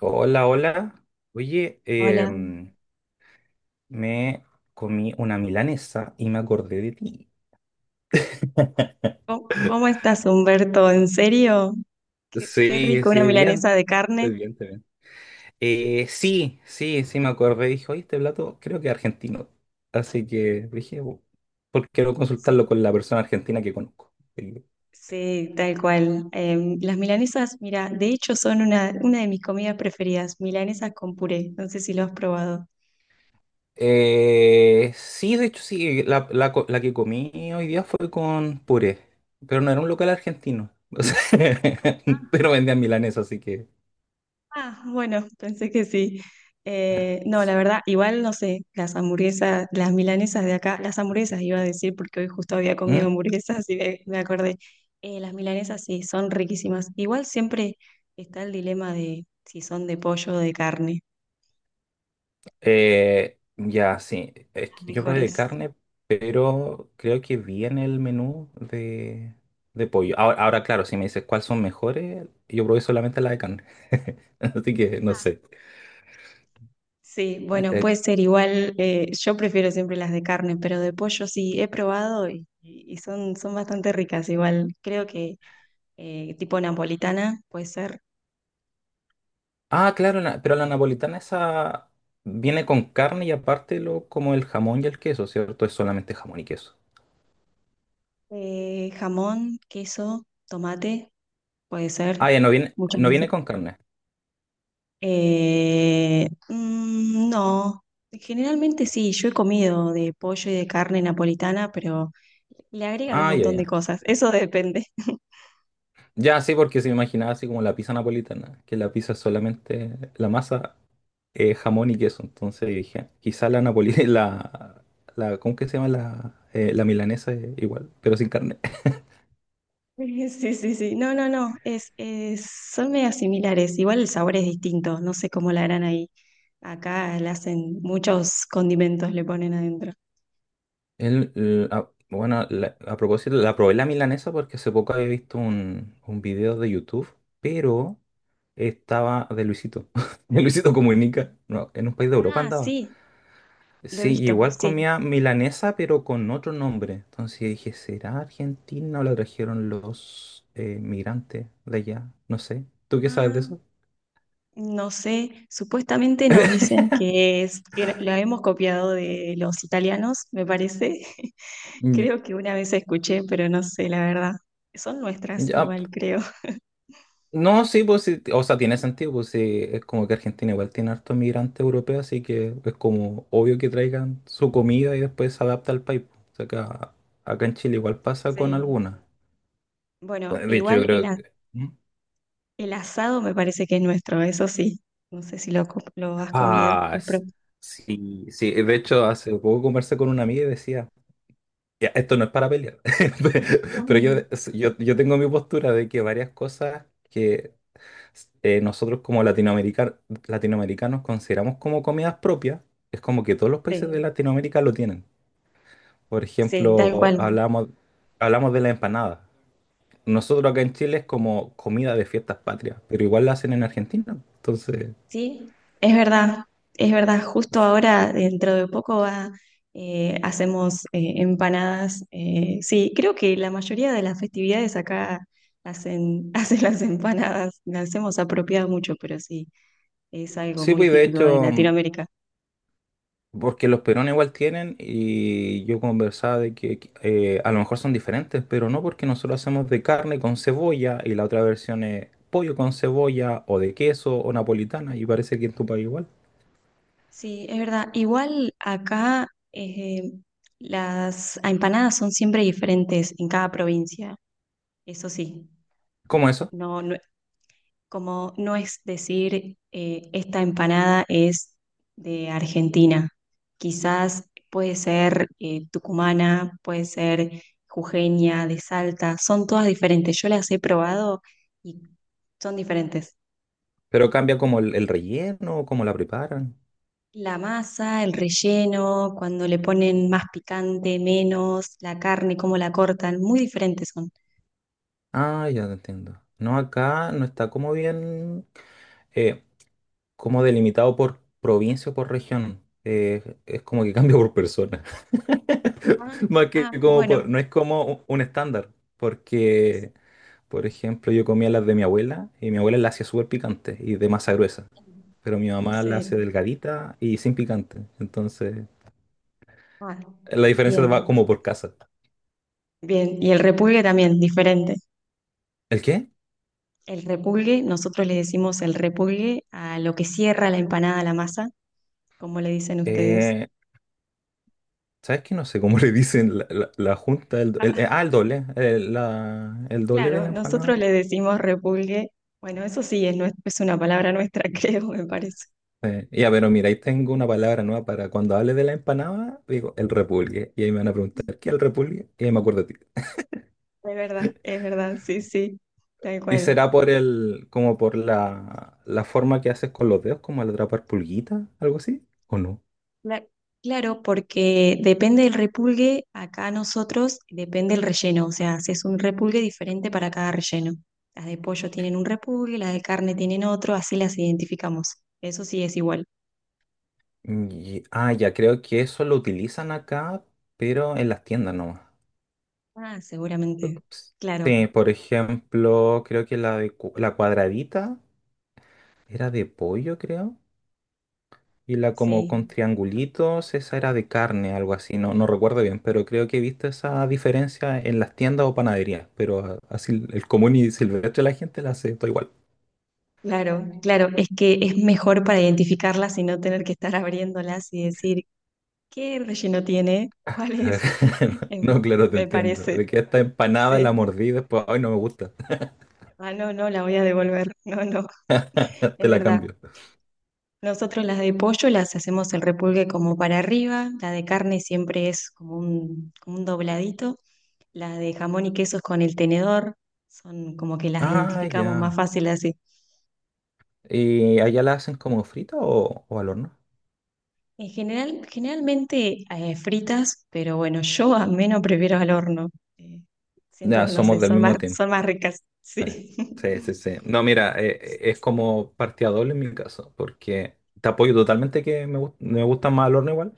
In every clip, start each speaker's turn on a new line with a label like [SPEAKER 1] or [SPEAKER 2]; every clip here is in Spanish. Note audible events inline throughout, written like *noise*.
[SPEAKER 1] Hola, hola. Oye,
[SPEAKER 2] Hola,
[SPEAKER 1] me comí una milanesa y me acordé de ti. *laughs*
[SPEAKER 2] ¿cómo, cómo estás, Humberto? ¿En serio? Qué, qué
[SPEAKER 1] Sí,
[SPEAKER 2] rico, una
[SPEAKER 1] sí, bien.
[SPEAKER 2] milanesa de
[SPEAKER 1] Estoy
[SPEAKER 2] carne.
[SPEAKER 1] bien, estoy bien. Sí, sí, sí, me acordé. Dije, oye, este plato creo que es argentino. Así que dije, "Bu- ¿por qué no consultarlo
[SPEAKER 2] Sí,
[SPEAKER 1] con la persona argentina que conozco? Sí.
[SPEAKER 2] sí, tal cual. Las milanesas, mira, de hecho son una de mis comidas preferidas, milanesas con puré. No sé si lo has probado.
[SPEAKER 1] Sí, de hecho, sí. La que comí hoy día fue con puré, pero no era un local argentino. *laughs* O sea, *laughs* pero vendían milanesa, así que.
[SPEAKER 2] Ah, bueno, pensé que sí. No, la verdad, igual no sé, las hamburguesas, las milanesas de acá, las hamburguesas iba a decir porque hoy justo había comido
[SPEAKER 1] Mm,
[SPEAKER 2] hamburguesas y me acordé. Las milanesas sí, son riquísimas. Igual siempre está el dilema de si son de pollo o de carne,
[SPEAKER 1] ya, sí. Es
[SPEAKER 2] las
[SPEAKER 1] que yo probé de
[SPEAKER 2] mejores.
[SPEAKER 1] carne, pero creo que viene el menú de pollo. Ahora, claro, si me dices cuáles son mejores, yo probé solamente la de carne. *laughs* Así que no
[SPEAKER 2] Ah.
[SPEAKER 1] sé.
[SPEAKER 2] Sí, bueno, puede
[SPEAKER 1] Eh,
[SPEAKER 2] ser igual, yo prefiero siempre las de carne, pero de pollo sí, he probado y son, son bastante ricas, igual creo que tipo napolitana puede ser.
[SPEAKER 1] ah, claro, la- pero la napolitana esa viene con carne y aparte lo, como el jamón y el queso, ¿cierto? Es solamente jamón y queso.
[SPEAKER 2] Jamón, queso, tomate, puede
[SPEAKER 1] Ah,
[SPEAKER 2] ser,
[SPEAKER 1] ya,
[SPEAKER 2] muchas
[SPEAKER 1] no
[SPEAKER 2] veces.
[SPEAKER 1] viene con carne.
[SPEAKER 2] No, generalmente sí, yo he comido de pollo y de carne napolitana, pero le agregan un
[SPEAKER 1] Ah, ya,
[SPEAKER 2] montón de
[SPEAKER 1] ya.
[SPEAKER 2] cosas, eso depende. *laughs*
[SPEAKER 1] Ya, sí, porque se me imaginaba así como la pizza napolitana, que la pizza es solamente la masa jamón y queso. Entonces dije, "Ah, quizá la napolitana, *laughs* la, ¿cómo que se llama? La, la milanesa es igual, pero sin carne.
[SPEAKER 2] *laughs* Sí, sí, sí. No, no, no. Es- son medias similares. Igual el sabor es distinto. No sé cómo la harán ahí. Acá le hacen muchos condimentos, le ponen adentro.
[SPEAKER 1] Bueno, la- a propósito, la probé la milanesa porque hace poco había visto un video de YouTube, pero estaba de Luisito, *laughs* de Luisito Comunica, no, en un país de Europa
[SPEAKER 2] Ah,
[SPEAKER 1] andaba.
[SPEAKER 2] sí, lo he
[SPEAKER 1] Sí,
[SPEAKER 2] visto,
[SPEAKER 1] igual
[SPEAKER 2] sí.
[SPEAKER 1] comía milanesa, pero con otro nombre. Entonces yo dije, ¿será Argentina o la trajeron los migrantes de allá? No sé. ¿Tú qué sabes de
[SPEAKER 2] Ah,
[SPEAKER 1] eso?
[SPEAKER 2] no sé. Supuestamente nos dicen que es, que lo hemos copiado de los italianos, me parece. *laughs* Creo que una vez escuché, pero no sé, la verdad. Son nuestras,
[SPEAKER 1] Ya,
[SPEAKER 2] igual
[SPEAKER 1] p-
[SPEAKER 2] creo. *laughs*
[SPEAKER 1] no, sí, pues sí, o sea, tiene sentido, pues sí, es como que Argentina igual tiene harto migrante europeo, así que es como obvio que traigan su comida y después se adapta al país. Pues, o sea, acá en Chile igual pasa con
[SPEAKER 2] Sí.
[SPEAKER 1] algunas.
[SPEAKER 2] Bueno,
[SPEAKER 1] Bueno, de hecho, yo
[SPEAKER 2] igual el,
[SPEAKER 1] creo
[SPEAKER 2] a-
[SPEAKER 1] que... ¿Mm?
[SPEAKER 2] el asado me parece que es nuestro, eso sí. No sé si lo, co- lo has comido.
[SPEAKER 1] Ah,
[SPEAKER 2] O pro-
[SPEAKER 1] s- sí, sí, de hecho, hace poco conversé con una amiga y decía, ya, esto no es para pelear, *laughs* pero yo,
[SPEAKER 2] mm.
[SPEAKER 1] yo tengo mi postura de que varias cosas que nosotros como latinoamericanos, latinoamericanos consideramos como comidas propias, es como que todos los países de
[SPEAKER 2] Sí,
[SPEAKER 1] Latinoamérica lo tienen. Por
[SPEAKER 2] sí, tal
[SPEAKER 1] ejemplo,
[SPEAKER 2] cual.
[SPEAKER 1] hablamos de la empanada. Nosotros acá en Chile es como comida de fiestas patrias, pero igual la hacen en Argentina. Entonces,
[SPEAKER 2] Sí, es verdad, es verdad. Justo ahora, dentro de poco, va, hacemos empanadas. Sí, creo que la mayoría de las festividades acá hacen, *laughs* hacen las empanadas. Las hemos apropiado mucho, pero sí, es algo
[SPEAKER 1] sí,
[SPEAKER 2] muy
[SPEAKER 1] pues de
[SPEAKER 2] típico de
[SPEAKER 1] hecho,
[SPEAKER 2] Latinoamérica.
[SPEAKER 1] porque los peruanos igual tienen y yo conversaba de que a lo mejor son diferentes, pero no porque nosotros hacemos de carne con cebolla y la otra versión es pollo con cebolla o de queso o napolitana y parece que en tu país igual.
[SPEAKER 2] Sí, es verdad. Igual acá las empanadas son siempre diferentes en cada provincia. Eso sí,
[SPEAKER 1] ¿Cómo eso?
[SPEAKER 2] no, no- como no es decir esta empanada es de Argentina. Quizás puede ser tucumana, puede ser jujeña, de Salta. Son todas diferentes. Yo las he probado y son diferentes.
[SPEAKER 1] Pero cambia como el relleno, cómo la preparan.
[SPEAKER 2] La masa, el relleno, cuando le ponen más picante, menos, la carne, cómo la cortan, muy diferentes son.
[SPEAKER 1] Ah, ya te entiendo. No, acá no está como bien, eh, como delimitado por provincia o por región. Es como que *laughs* cambia por persona.
[SPEAKER 2] Ah,
[SPEAKER 1] *laughs* Más que
[SPEAKER 2] ah,
[SPEAKER 1] como por-
[SPEAKER 2] bueno.
[SPEAKER 1] no es como un estándar, porque... Por ejemplo, yo comía las de mi abuela y mi abuela las hacía súper picantes y de masa gruesa, pero mi mamá las hace
[SPEAKER 2] Sí.
[SPEAKER 1] delgadita y sin picante. Entonces,
[SPEAKER 2] Ah,
[SPEAKER 1] la diferencia va
[SPEAKER 2] bien,
[SPEAKER 1] como por casa.
[SPEAKER 2] bien. Y el repulgue también, diferente.
[SPEAKER 1] ¿El qué?
[SPEAKER 2] El repulgue, nosotros le decimos el repulgue a lo que cierra la empanada, la masa, como le dicen ustedes.
[SPEAKER 1] Eh, ¿Sabes qué? No sé cómo *laughs* le dicen la junta.
[SPEAKER 2] Ah,
[SPEAKER 1] El doble. El
[SPEAKER 2] *laughs*
[SPEAKER 1] doble de
[SPEAKER 2] claro,
[SPEAKER 1] la empanada.
[SPEAKER 2] nosotros le decimos repulgue. Bueno, eso sí, es, nue- es una palabra nuestra, *laughs* creo, me parece.
[SPEAKER 1] Ya, pero mira, ahí tengo una palabra nueva para cuando hable de la empanada, digo el repulgue. Y ahí me van a preguntar, ¿qué es el repulgue? Y ahí me acuerdo de ti.
[SPEAKER 2] Es verdad, sí, sí, tal
[SPEAKER 1] ¿Y
[SPEAKER 2] cual.
[SPEAKER 1] será por el, como por la forma que haces con los dedos, como al atrapar pulguita, algo así? ¿O no?
[SPEAKER 2] Cla- claro, porque depende del repulgue, acá nosotros depende el relleno, o sea, es un repulgue diferente para cada relleno. Las de pollo tienen un repulgue, las de carne tienen otro, así las identificamos. Eso sí es igual.
[SPEAKER 1] Y- ah, ya creo que eso lo utilizan acá, pero en las tiendas nomás.
[SPEAKER 2] Ah, seguramente. Claro,
[SPEAKER 1] Sí, por ejemplo, creo que la, de cu- la cuadradita era de pollo, creo. Y la como
[SPEAKER 2] sí,
[SPEAKER 1] con triangulitos, esa era de carne, algo así. No, no recuerdo bien, pero creo que he visto esa diferencia en las tiendas o panaderías. Pero a- así el común y silvestre la gente la hace todo igual.
[SPEAKER 2] claro, claro. Es que es mejor para identificarlas y no tener que estar abriéndolas y decir, ¿qué relleno tiene? ¿Cuál es? *laughs*
[SPEAKER 1] *laughs* No, claro, te
[SPEAKER 2] Me
[SPEAKER 1] entiendo.
[SPEAKER 2] parece,
[SPEAKER 1] De que esta empanada la
[SPEAKER 2] sí.
[SPEAKER 1] mordí después, ay, no me gusta,
[SPEAKER 2] Ah, no, no, la voy a devolver. *laughs* No, no,
[SPEAKER 1] *laughs* te
[SPEAKER 2] es
[SPEAKER 1] la
[SPEAKER 2] verdad.
[SPEAKER 1] cambio.
[SPEAKER 2] Nosotros las de pollo las hacemos el repulgue como para arriba, la de carne siempre es como un dobladito, la de jamón y queso es con el tenedor, son como que las
[SPEAKER 1] Ah,
[SPEAKER 2] identificamos más
[SPEAKER 1] ya.
[SPEAKER 2] fácil así.
[SPEAKER 1] ¿Y allá la hacen como frita o al horno?
[SPEAKER 2] En general, generalmente fritas, pero bueno, yo al menos prefiero al horno. eh, Siento
[SPEAKER 1] Ya,
[SPEAKER 2] que no
[SPEAKER 1] somos
[SPEAKER 2] sé,
[SPEAKER 1] del mismo team.
[SPEAKER 2] son más ricas, sí.
[SPEAKER 1] Sí, sí,
[SPEAKER 2] *laughs*
[SPEAKER 1] sí. No, mira, es como partida doble en mi caso, porque te apoyo totalmente que me, gust- me gusta más al horno igual,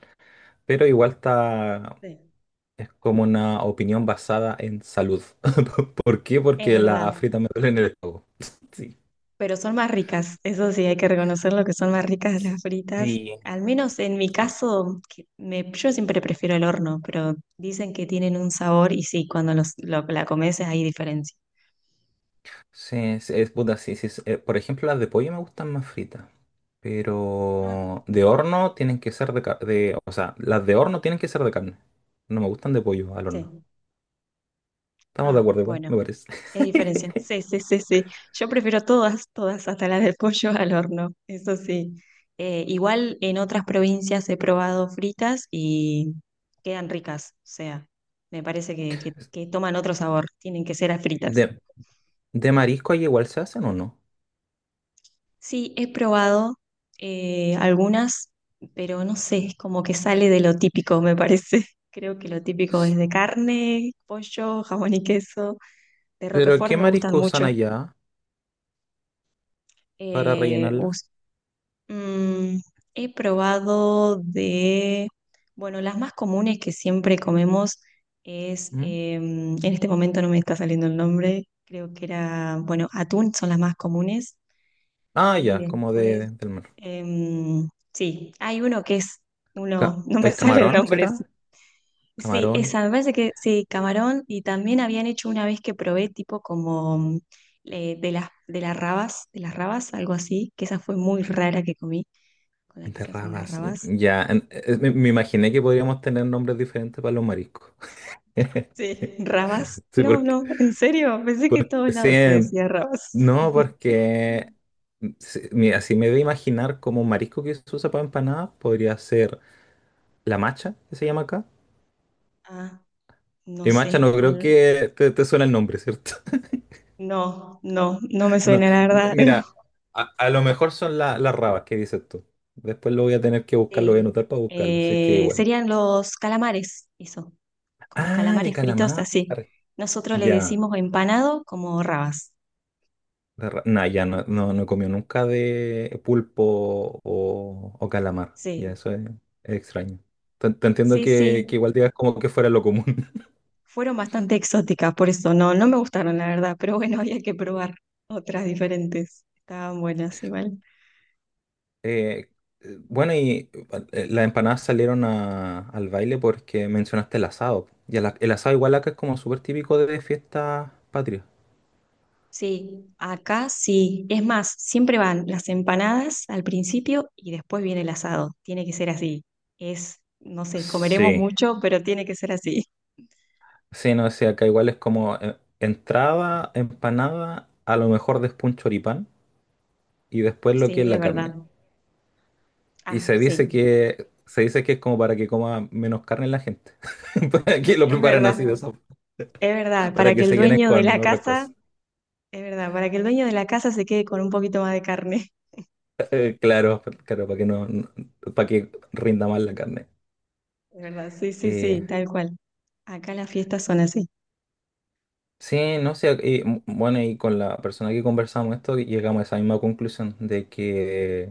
[SPEAKER 1] pero igual está,
[SPEAKER 2] Sí,
[SPEAKER 1] es como una opinión basada en salud. *laughs* ¿Por qué?
[SPEAKER 2] es
[SPEAKER 1] Porque la
[SPEAKER 2] verdad.
[SPEAKER 1] frita me duele en el estómago. *laughs* Sí.
[SPEAKER 2] Pero son más ricas, eso sí, hay que reconocerlo que son más ricas las fritas. Al menos en mi
[SPEAKER 1] Sí.
[SPEAKER 2] caso, que me- yo siempre prefiero el horno, pero dicen que tienen un sabor y sí, cuando los, lo- la comes hay diferencia.
[SPEAKER 1] Sí, es puta, sí, sí. Es- por ejemplo, las de pollo me gustan más fritas.
[SPEAKER 2] Ah,
[SPEAKER 1] Pero de horno tienen que ser de, ca- de... O sea, las de horno tienen que ser de carne. No me gustan de pollo al horno.
[SPEAKER 2] sí.
[SPEAKER 1] Estamos de
[SPEAKER 2] Ah,
[SPEAKER 1] acuerdo igual, me
[SPEAKER 2] bueno,
[SPEAKER 1] parece.
[SPEAKER 2] hay diferencia.
[SPEAKER 1] *laughs*
[SPEAKER 2] Sí, sí, sí, sí. Yo prefiero todas, todas, hasta la del pollo al horno, eso sí. Igual en otras provincias he probado fritas y quedan ricas, o sea, me parece que toman otro sabor, tienen que ser a fritas.
[SPEAKER 1] ¿De, de marisco ahí igual se hacen o no?
[SPEAKER 2] Sí, he probado algunas, pero no sé, es como que sale de lo típico, me parece. *laughs* Creo que lo típico es
[SPEAKER 1] S-
[SPEAKER 2] de carne, pollo, jamón y queso. De
[SPEAKER 1] ¿Pero
[SPEAKER 2] Roquefort
[SPEAKER 1] qué
[SPEAKER 2] me gustan
[SPEAKER 1] marisco usan
[SPEAKER 2] mucho.
[SPEAKER 1] allá para
[SPEAKER 2] Eh,
[SPEAKER 1] rellenarla?
[SPEAKER 2] us- mm, he probado de, bueno, las más comunes que siempre comemos es,
[SPEAKER 1] ¿Mm?
[SPEAKER 2] en este momento no me está saliendo el nombre, creo que era, bueno, atún son las más comunes.
[SPEAKER 1] Ah,
[SPEAKER 2] Y
[SPEAKER 1] ya, como de-
[SPEAKER 2] después,
[SPEAKER 1] del mar.
[SPEAKER 2] sí, hay uno que es,
[SPEAKER 1] Ca-
[SPEAKER 2] uno, *laughs* no me
[SPEAKER 1] ¿El
[SPEAKER 2] sale el
[SPEAKER 1] camarón
[SPEAKER 2] nombre. Sí,
[SPEAKER 1] será?
[SPEAKER 2] sí,
[SPEAKER 1] Camarón
[SPEAKER 2] esa, me parece que sí, camarón. Y también habían hecho una vez que probé tipo como de las rabas, algo así, que esa fue muy rara que comí, con la que
[SPEAKER 1] de
[SPEAKER 2] se hacen las
[SPEAKER 1] rabas.
[SPEAKER 2] rabas.
[SPEAKER 1] Ya, en- me imaginé que podríamos tener nombres diferentes para los mariscos. *laughs*
[SPEAKER 2] Sí. ¿Rabas?
[SPEAKER 1] Sí,
[SPEAKER 2] No, no, en serio, pensé que en todos
[SPEAKER 1] sí,
[SPEAKER 2] lados se decía rabas.
[SPEAKER 1] no, porque
[SPEAKER 2] *laughs*
[SPEAKER 1] mm, si- mira, si me voy a imaginar como un marisco que se usa para empanadas, podría ser la macha, que se llama acá.
[SPEAKER 2] Ah, no
[SPEAKER 1] Y macha
[SPEAKER 2] sé
[SPEAKER 1] no creo
[SPEAKER 2] cuál.
[SPEAKER 1] que te suene el nombre, ¿cierto? *laughs*
[SPEAKER 2] No, no, no me
[SPEAKER 1] No,
[SPEAKER 2] suena la
[SPEAKER 1] m-
[SPEAKER 2] verdad.
[SPEAKER 1] mira,
[SPEAKER 2] *laughs*
[SPEAKER 1] a lo mejor son la- las rabas que dices tú. Después lo voy a tener que buscar, lo voy a
[SPEAKER 2] Sí.
[SPEAKER 1] anotar para buscarlo, así es que igual.
[SPEAKER 2] Serían los calamares, eso, como
[SPEAKER 1] Ah, de
[SPEAKER 2] calamares fritos
[SPEAKER 1] calamar.
[SPEAKER 2] así. Nosotros le
[SPEAKER 1] Ya.
[SPEAKER 2] decimos empanado como rabas.
[SPEAKER 1] De ra- Nah, ya no, no, no he comido nunca de pulpo o calamar. Ya
[SPEAKER 2] Sí,
[SPEAKER 1] eso es extraño. Te entiendo
[SPEAKER 2] sí, sí.
[SPEAKER 1] que igual digas como que fuera lo común. *laughs*
[SPEAKER 2] Fueron bastante exóticas, por eso no, no me gustaron, la verdad, pero bueno, *laughs* había que probar otras diferentes. Estaban buenas igual.
[SPEAKER 1] Eh, bueno, y las empanadas salieron a- al baile porque mencionaste el asado. Y el, a- el asado igual acá es como súper típico de fiestas patrias.
[SPEAKER 2] Sí, acá sí. Es más, siempre van las empanadas al principio y después viene el asado. Tiene que ser así. Es, no sé, comeremos
[SPEAKER 1] Sí,
[SPEAKER 2] mucho, pero tiene que ser así. *laughs*
[SPEAKER 1] sí, no sé, acá igual es como entrada, empanada, a lo mejor después un choripán y después lo que es
[SPEAKER 2] Sí, es
[SPEAKER 1] la carne.
[SPEAKER 2] verdad.
[SPEAKER 1] Y
[SPEAKER 2] Ah, sí,
[SPEAKER 1] se dice que es como para que coma menos carne la gente. *laughs* Para que lo
[SPEAKER 2] es
[SPEAKER 1] preparan
[SPEAKER 2] verdad,
[SPEAKER 1] así de esa-
[SPEAKER 2] es verdad,
[SPEAKER 1] para
[SPEAKER 2] para que
[SPEAKER 1] que
[SPEAKER 2] el
[SPEAKER 1] se llenen
[SPEAKER 2] dueño de
[SPEAKER 1] con
[SPEAKER 2] la
[SPEAKER 1] otras
[SPEAKER 2] casa,
[SPEAKER 1] cosas.
[SPEAKER 2] es verdad, para que el dueño de la casa se quede con un poquito más de carne,
[SPEAKER 1] Claro, claro, para que no, no- para que rinda más la carne.
[SPEAKER 2] *laughs* es verdad, sí, sí,
[SPEAKER 1] Eh,
[SPEAKER 2] sí, tal cual. Acá las fiestas son así,
[SPEAKER 1] sí, no sé, y, m- bueno, y con la persona que conversamos esto llegamos a esa misma conclusión de que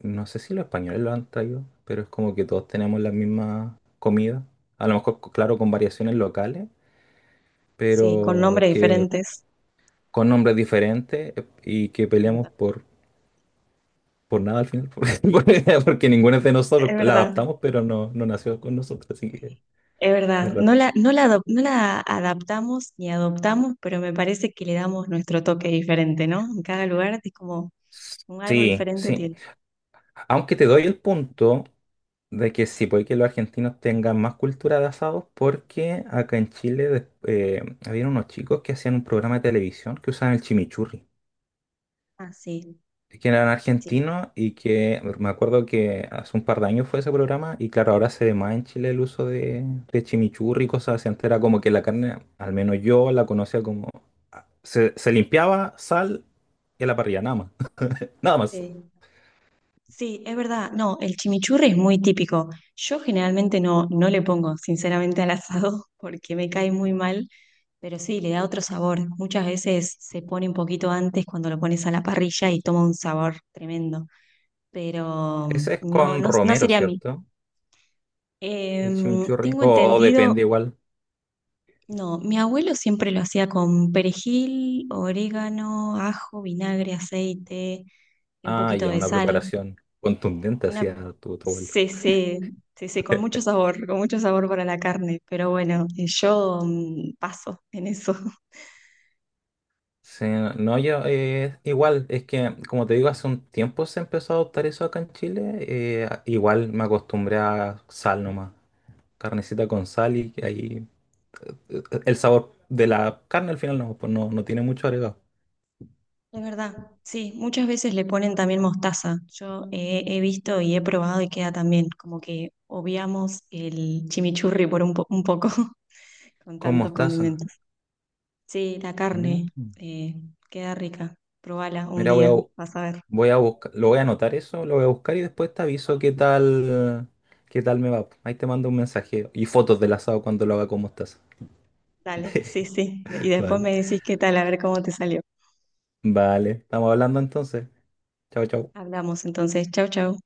[SPEAKER 1] no sé si los españoles lo han traído, pero es como que todos tenemos la misma comida. A lo mejor, claro, con variaciones locales,
[SPEAKER 2] sí, con
[SPEAKER 1] pero
[SPEAKER 2] nombres
[SPEAKER 1] que
[SPEAKER 2] diferentes,
[SPEAKER 1] con nombres diferentes y que
[SPEAKER 2] es
[SPEAKER 1] peleamos
[SPEAKER 2] verdad,
[SPEAKER 1] por nada al final, *laughs* porque ninguno de nosotros
[SPEAKER 2] es
[SPEAKER 1] la
[SPEAKER 2] verdad,
[SPEAKER 1] adaptamos, pero no, no nació con nosotros, así que
[SPEAKER 2] es
[SPEAKER 1] es
[SPEAKER 2] verdad. No
[SPEAKER 1] raro.
[SPEAKER 2] la, no la, adop- no la adaptamos ni adoptamos, pero me parece que le damos nuestro toque diferente, ¿no? En cada lugar es como un algo
[SPEAKER 1] Sí,
[SPEAKER 2] diferente
[SPEAKER 1] sí.
[SPEAKER 2] tiene.
[SPEAKER 1] Aunque te doy el punto de que sí, puede que los argentinos tengan más cultura de asados, porque acá en Chile des- había unos chicos que hacían un programa de televisión que usaban el chimichurri.
[SPEAKER 2] Ah, sí,
[SPEAKER 1] Que eran
[SPEAKER 2] sí,
[SPEAKER 1] argentinos y que me acuerdo que hace un par de años fue ese programa y claro, ahora se ve más en Chile el uso de chimichurri y cosas así. Antes era como que la carne, al menos yo la conocía como... ah, se limpiaba sal y a la parrilla, nada más. *laughs* Nada más.
[SPEAKER 2] sí. Sí, es verdad. No, el chimichurri es muy típico. Yo generalmente no, no le pongo, sinceramente, al asado *laughs* porque me cae muy mal, pero sí, le da otro sabor. Muchas veces se pone un poquito antes cuando lo pones a la parrilla y toma un sabor tremendo, pero
[SPEAKER 1] Ese es
[SPEAKER 2] no,
[SPEAKER 1] con
[SPEAKER 2] no, no
[SPEAKER 1] romero,
[SPEAKER 2] sería a mí.
[SPEAKER 1] ¿cierto? El chimichurri.
[SPEAKER 2] Tengo
[SPEAKER 1] O
[SPEAKER 2] entendido,
[SPEAKER 1] depende igual.
[SPEAKER 2] no, mi abuelo siempre lo hacía con perejil, orégano, ajo, vinagre, aceite, un
[SPEAKER 1] Ah,
[SPEAKER 2] poquito
[SPEAKER 1] ya,
[SPEAKER 2] de
[SPEAKER 1] una
[SPEAKER 2] sal.
[SPEAKER 1] preparación contundente
[SPEAKER 2] Una
[SPEAKER 1] hacía tu abuela.
[SPEAKER 2] c c c c con mucho sabor para la carne, pero bueno, yo paso en eso. *laughs*
[SPEAKER 1] Sí, no, no, yo igual, es que como te digo, hace un tiempo se empezó a adoptar eso acá en Chile, a- igual me acostumbré a sal nomás, carnecita con sal y ahí el sabor de la carne al final no, pues no, no tiene mucho agregado.
[SPEAKER 2] Es verdad, sí, muchas veces le ponen también mostaza. Yo he, he visto y he probado y queda también, como que obviamos el chimichurri por un, po- un poco *laughs* con
[SPEAKER 1] Con
[SPEAKER 2] tantos
[SPEAKER 1] mostaza.
[SPEAKER 2] condimentos. Sí, la carne
[SPEAKER 1] Mm.
[SPEAKER 2] eh, queda rica. Probala un
[SPEAKER 1] Mira, voy a,
[SPEAKER 2] día,
[SPEAKER 1] bu-
[SPEAKER 2] vas a ver.
[SPEAKER 1] voy a buscar, lo voy a anotar eso, lo voy a buscar y después te aviso qué tal me va. Ahí te mando un mensaje y fotos del asado cuando lo haga con mostaza.
[SPEAKER 2] Dale, sí, sí. Y
[SPEAKER 1] *laughs*
[SPEAKER 2] después
[SPEAKER 1] Vale,
[SPEAKER 2] me decís qué tal, a ver cómo te salió.
[SPEAKER 1] vale, estamos hablando entonces. Chao, chao.
[SPEAKER 2] Hablamos entonces. Chau, chau.